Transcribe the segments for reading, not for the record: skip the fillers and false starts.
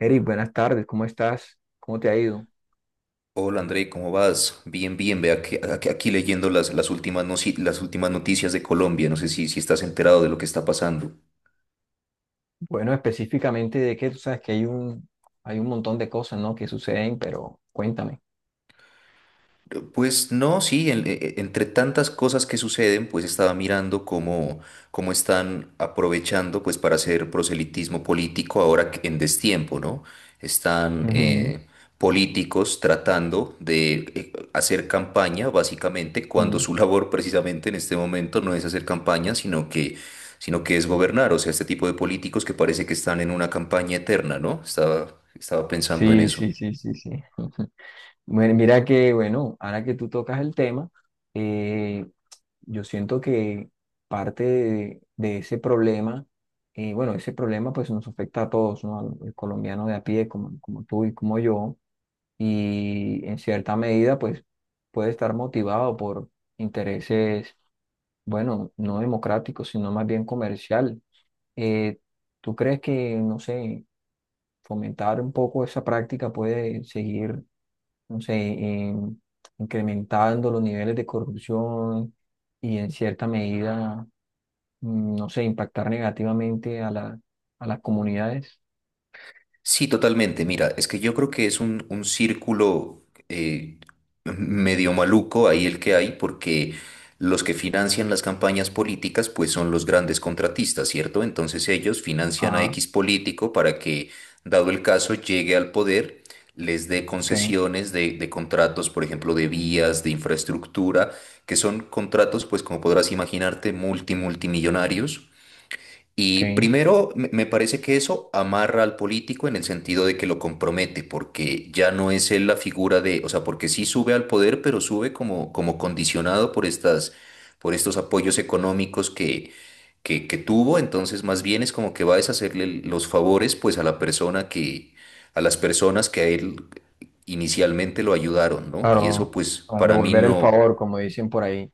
Eric, buenas tardes, ¿cómo estás? ¿Cómo te ha ido? Hola André, ¿cómo vas? Bien, bien, vea que aquí leyendo las últimas, las últimas noticias de Colombia, no sé si estás enterado de lo que está pasando. Bueno, específicamente de qué, tú sabes que hay un montón de cosas, ¿no?, que suceden, pero cuéntame. Pues no, sí, entre tantas cosas que suceden, pues estaba mirando cómo están aprovechando pues para hacer proselitismo político en destiempo, ¿no? Están Ujú, políticos tratando de hacer campaña, básicamente, cuando ujú. su labor precisamente en este momento no es hacer campaña, sino que es gobernar. O sea, este tipo de políticos que parece que están en una campaña eterna, ¿no? Estaba pensando en Sí, eso. sí, sí, sí, sí. Bueno, mira que, ahora que tú tocas el tema, eh, yo siento que parte de ese problema, bueno, ese problema pues nos afecta a todos, ¿no? Al colombiano de a pie, como, como tú y como yo, y en cierta medida pues puede estar motivado por intereses, bueno, no democráticos, sino más bien comercial. Eh, ¿Tú crees que, no sé, fomentar un poco esa práctica puede seguir, no sé, em, incrementando los niveles de corrupción y en cierta medida, no sé, impactar negativamente a a las comunidades? Sí, totalmente. Mira, es que yo creo que es un círculo medio maluco ahí el que hay, porque los que financian las campañas políticas, pues son los grandes contratistas, ¿cierto? Entonces ellos financian a Ah, X político para que, dado el caso, llegue al poder, les dé ok, concesiones de contratos, por ejemplo, de vías, de infraestructura, que son contratos, pues como podrás imaginarte, multimillonarios. Y ok. primero, me parece que eso amarra al político en el sentido de que lo compromete, porque ya no es él la figura de, o sea, porque sí sube al poder, pero sube como, como condicionado por por estos apoyos económicos que tuvo, entonces más bien es como que va a deshacerle los favores, pues a la persona que, a las personas que a él inicialmente lo ayudaron, ¿no? Y eso, Claro, pues, a para mí devolver el no. favor, como dicen por ahí,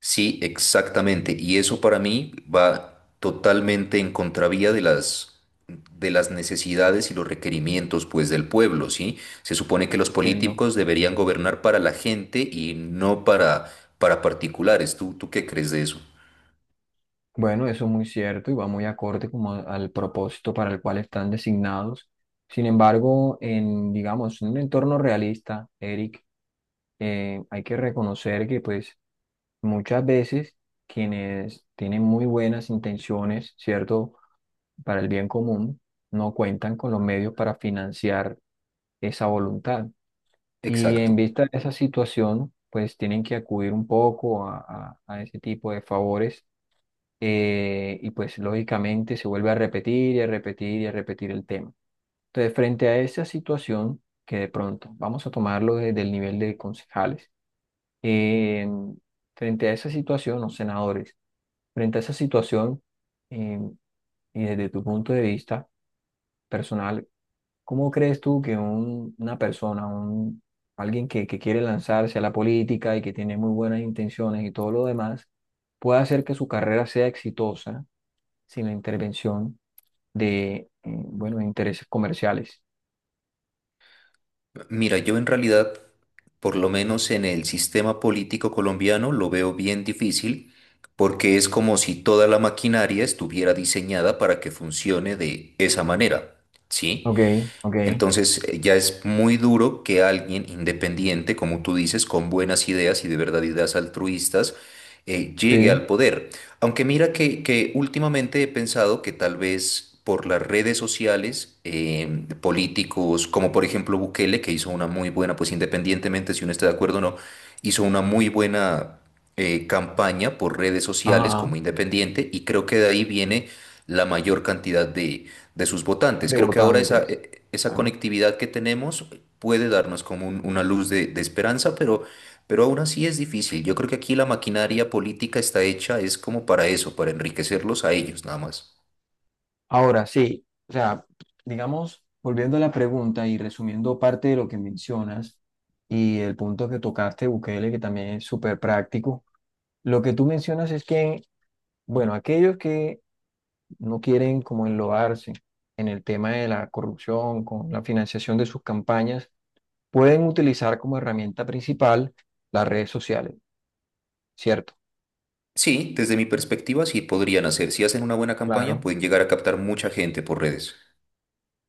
Sí, exactamente. Y eso para mí va totalmente en contravía de las necesidades y los requerimientos pues del pueblo, ¿sí? Se supone que los entiendo. políticos deberían gobernar para la gente y no para para particulares. Tú qué crees de eso? Bueno, eso es muy cierto y va muy acorde como al propósito para el cual están designados. Sin embargo, en, digamos, en un entorno realista, Eric, hay que reconocer que pues muchas veces quienes tienen muy buenas intenciones, ¿cierto?, para el bien común, no cuentan con los medios para financiar esa voluntad. Y Exacto. en vista de esa situación, pues tienen que acudir un poco a, a ese tipo de favores, y pues lógicamente se vuelve a repetir y a repetir y a repetir el tema. Entonces, frente a esa situación, que de pronto, vamos a tomarlo desde el nivel de concejales, eh, frente a esa situación, o senadores, frente a esa situación, eh, y desde tu punto de vista personal, ¿cómo crees tú que una persona, un, alguien que quiere lanzarse a la política y que tiene muy buenas intenciones y todo lo demás, puede hacer que su carrera sea exitosa sin la intervención de, bueno, de intereses comerciales? Mira, yo en realidad, por lo menos en el sistema político colombiano, lo veo bien difícil porque es como si toda la maquinaria estuviera diseñada para que funcione de esa manera, ¿sí? Ok, ok, Entonces ya es muy duro que alguien independiente, como tú dices, con buenas ideas y de verdad ideas altruistas, llegue sí, al poder. Aunque mira que últimamente he pensado que tal vez por las redes sociales, políticos como por ejemplo Bukele, que hizo una muy buena, pues independientemente si uno está de acuerdo o no, hizo una muy buena campaña por redes sociales ajá, como independiente y creo que de ahí viene la mayor cantidad de sus votantes. de Creo que ahora votantes. Esa Claro. conectividad que tenemos puede darnos como una luz de esperanza, pero aún así es difícil. Yo creo que aquí la maquinaria política está hecha, es como para eso, para enriquecerlos a ellos nada más. Ahora sí, o sea, digamos, volviendo a la pregunta y resumiendo parte de lo que mencionas y el punto que tocaste, Bukele, que también es súper práctico, lo que tú mencionas es que, bueno, aquellos que no quieren como enlodarse en el tema de la corrupción, con la financiación de sus campañas, pueden utilizar como herramienta principal las redes sociales, ¿cierto? Sí, desde mi perspectiva sí podrían hacer. Si hacen una buena campaña, Claro. pueden llegar a captar mucha gente por redes.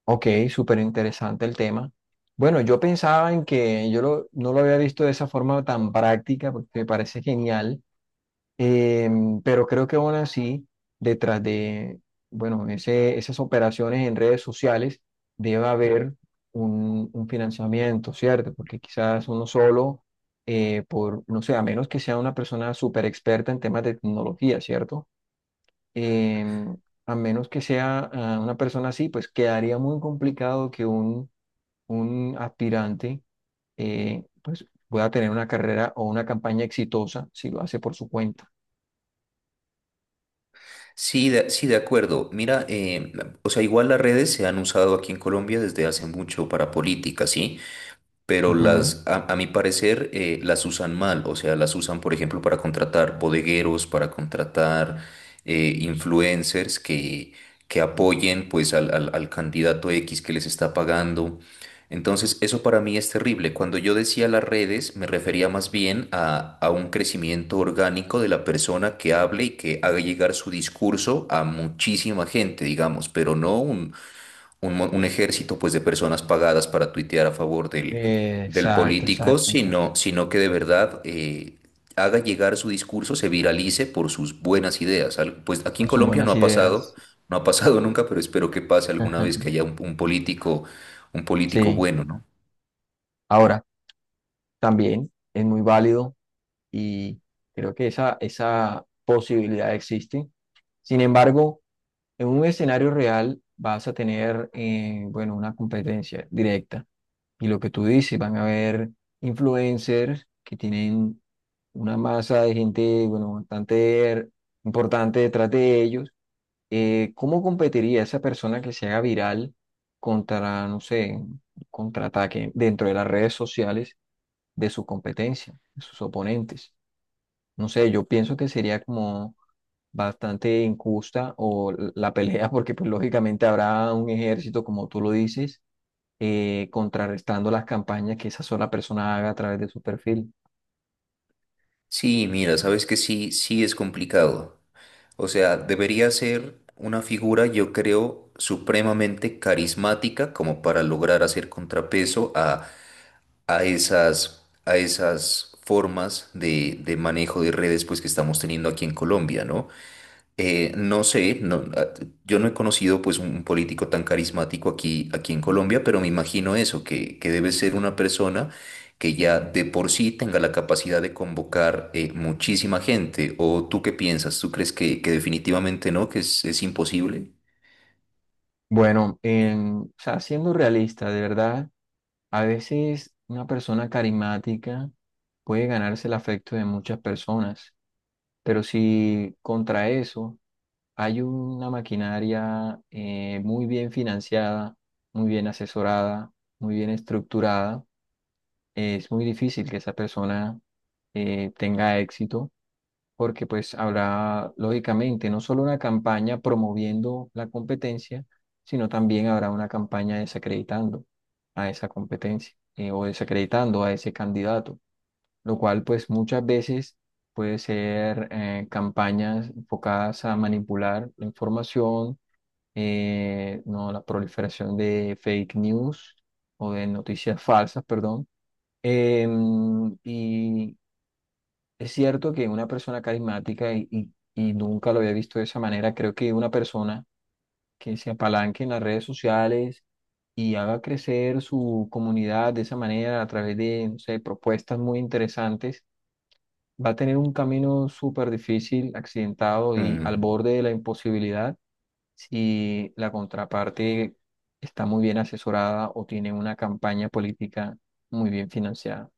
Ok, súper interesante el tema. Bueno, yo pensaba en que yo no lo había visto de esa forma tan práctica, porque me parece genial, pero creo que aún así, detrás de, bueno, ese, esas operaciones en redes sociales, debe haber un financiamiento, ¿cierto? Porque quizás uno solo, por, no sé, a menos que sea una persona súper experta en temas de tecnología, ¿cierto?, eh, a menos que sea una persona así, pues quedaría muy complicado que un aspirante pues pueda tener una carrera o una campaña exitosa si lo hace por su cuenta. Sí, sí, de acuerdo. Mira, o sea, igual las redes se han usado aquí en Colombia desde hace mucho para política, ¿sí? Pero Ujú. A mi parecer, las usan mal. O sea, las usan, por ejemplo, para contratar bodegueros, para contratar influencers que apoyen pues al candidato X que les está pagando. Entonces, eso para mí es terrible. Cuando yo decía las redes, me refería más bien a un crecimiento orgánico de la persona que hable y que haga llegar su discurso a muchísima gente, digamos, pero no un ejército pues de personas pagadas para tuitear a favor del Exacto, político, exacto, exacto. Sino que de verdad haga llegar su discurso, se viralice por sus buenas ideas. Pues aquí en Con sus Colombia no buenas ha pasado, ideas. no ha pasado nunca, pero espero que pase alguna Ajá. vez que haya un político Sí. bueno, ¿no? Ahora, también es muy válido y creo que esa posibilidad existe. Sin embargo, en un escenario real vas a tener, bueno, una competencia directa. Y lo que tú dices, van a haber influencers que tienen una masa de gente, bueno, bastante importante detrás de ellos. ¿Cómo competiría esa persona que se haga viral contra, no sé, un contraataque dentro de las redes sociales de su competencia, de sus oponentes? No sé, yo pienso que sería como bastante injusta o la pelea, porque pues lógicamente habrá un ejército, como tú lo dices, contrarrestando las campañas que esa sola persona haga a través de su perfil. Sí, mira, sabes que sí, sí es complicado. O sea, debería ser una figura, yo creo, supremamente carismática como para lograr hacer contrapeso a a esas formas de manejo de redes pues, que estamos teniendo aquí en Colombia, ¿no? No sé, no, yo no he conocido pues, un político tan carismático aquí en Colombia, pero me imagino eso, que debe ser una persona que ya de por sí tenga la capacidad de convocar muchísima gente. ¿O tú qué piensas? ¿Tú crees que definitivamente no, que es imposible? Bueno, o sea, siendo realista, de verdad, a veces una persona carismática puede ganarse el afecto de muchas personas, pero si contra eso hay una maquinaria, muy bien financiada, muy bien asesorada, muy bien estructurada, es muy difícil que esa persona tenga éxito, porque pues habrá, lógicamente, no solo una campaña promoviendo la competencia, sino también habrá una campaña desacreditando a esa competencia, o desacreditando a ese candidato, lo cual pues muchas veces puede ser, campañas enfocadas a manipular la información, no, la proliferación de fake news o de noticias falsas, perdón. Y es cierto que una persona carismática, y nunca lo había visto de esa manera, creo que una persona que se apalanque en las redes sociales y haga crecer su comunidad de esa manera a través de, no sé, propuestas muy interesantes, va a tener un camino súper difícil, accidentado y al Mm. borde de la imposibilidad si la contraparte está muy bien asesorada o tiene una campaña política muy bien financiada.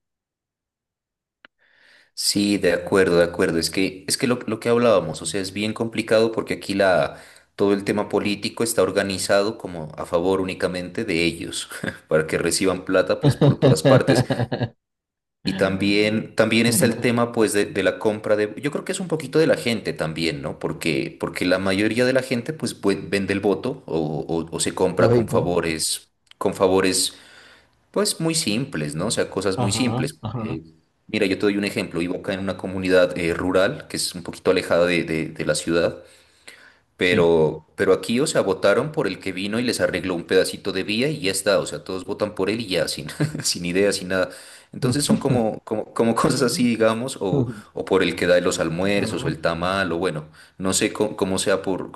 Sí, de acuerdo, de acuerdo. Es que lo que hablábamos, o sea, es bien complicado porque aquí la, todo el tema político está organizado como a favor únicamente de ellos, para que reciban plata pues por todas partes. Y también, también está el tema pues de la compra de, yo creo que es un poquito de la gente también, ¿no? Porque, porque la mayoría de la gente pues, pues, vende el voto o se compra Lógico. Con favores pues muy simples, ¿no? O sea, cosas muy Ajá, simples. ajá, Mira, yo te doy un ejemplo. Vivo acá en una comunidad rural que es un poquito alejada de la ciudad, sí. Pero aquí, o sea, votaron por el que vino y les arregló un pedacito de vía y ya está. O sea, todos votan por él y ya, sin, sin idea, sin nada. Entonces son como, como, como cosas así, digamos, o por el que da los almuerzos o Ajá. el tamal, o bueno, no sé cómo sea por,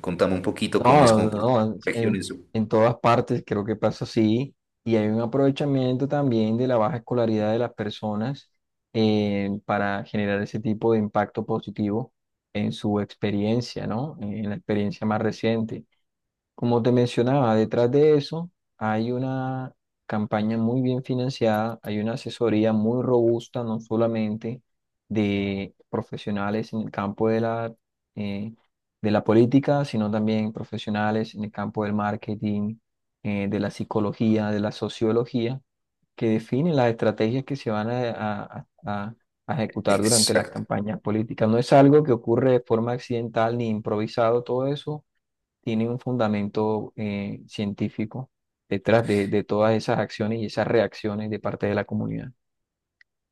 contame un poquito cómo es No, como por no, regiones. en todas partes creo que pasa así y hay un aprovechamiento también de la baja escolaridad de las personas, para generar ese tipo de impacto positivo en su experiencia, ¿no? En la experiencia más reciente. Como te mencionaba, detrás de eso hay una campaña muy bien financiada, hay una asesoría muy robusta, no solamente de profesionales en el campo de la, eh, de la política, sino también profesionales en el campo del marketing, de la psicología, de la sociología, que definen las estrategias que se van a, a- a- a ejecutar durante las Exacto. campañas políticas. No es algo que ocurre de forma accidental ni improvisado, todo eso tiene un fundamento, científico detrás de todas esas acciones y esas reacciones de parte de la comunidad.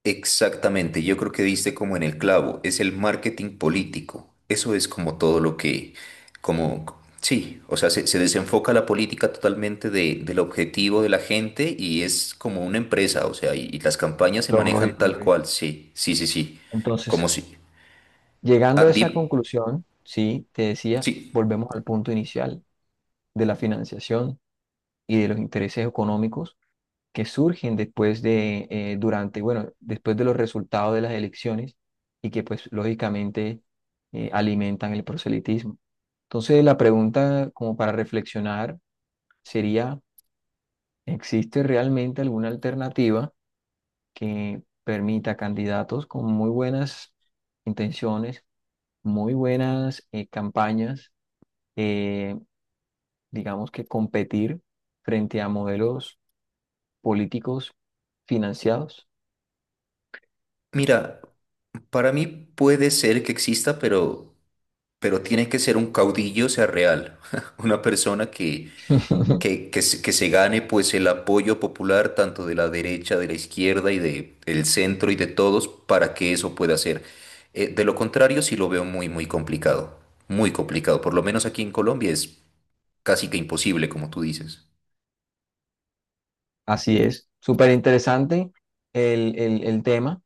Exactamente, yo creo que diste como en el clavo, es el marketing político. Eso es como todo lo que, como, sí, o sea, se desenfoca la política totalmente del objetivo de la gente y es como una empresa, o sea, y las campañas se manejan Lógico, tal lógico. cual, sí, sí, sí, sí, como Entonces, si... llegando Ah, a esa di- conclusión, sí, te decía, sí, volvemos al punto inicial, de la financiación y de los intereses económicos que surgen después de, durante, bueno, después de los resultados de las elecciones y que pues lógicamente alimentan el proselitismo. Entonces la pregunta como para reflexionar sería, ¿existe realmente alguna alternativa que permita a candidatos con muy buenas intenciones, muy buenas campañas, eh, digamos, que competir frente a modelos políticos financiados? mira, para mí puede ser que exista, pero tiene que ser un caudillo, o sea, real, una persona que se gane pues el apoyo popular tanto de la derecha, de la izquierda y de, el centro y de todos para que eso pueda ser. De lo contrario, sí lo veo muy, muy complicado, muy complicado. Por lo menos aquí en Colombia es casi que imposible, como tú dices. Así es, súper interesante el tema,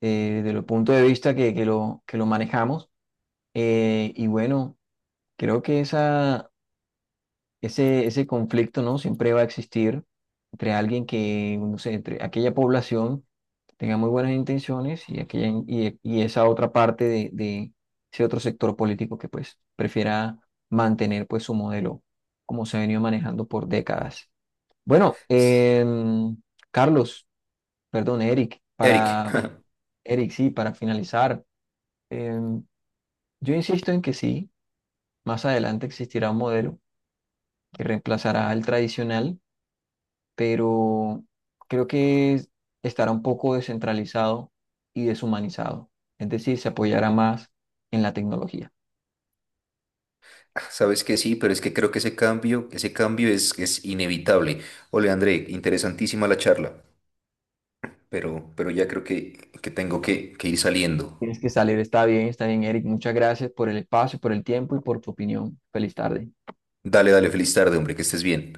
desde el punto de vista que lo manejamos. Y bueno, creo que ese, ese conflicto, ¿no?, siempre va a existir entre alguien que, no sé, entre aquella población que tenga muy buenas intenciones y, aquella, y esa otra parte de ese otro sector político que pues prefiera mantener pues su modelo como se ha venido manejando por décadas. Bueno, S- Carlos, perdón, Eric, Eric, para Eric, sí, para finalizar, em, yo insisto en que sí, más adelante existirá un modelo que reemplazará al tradicional, pero creo que estará un poco descentralizado y deshumanizado. Es decir, se apoyará más en la tecnología. sabes que sí, pero es que creo que ese cambio es inevitable. Ole, André, interesantísima la charla, pero ya creo que tengo que ir saliendo. Tienes que salir, está bien, Eric. Muchas gracias por el espacio, por el tiempo y por tu opinión. Feliz tarde. Dale, dale, feliz tarde, hombre, que estés bien.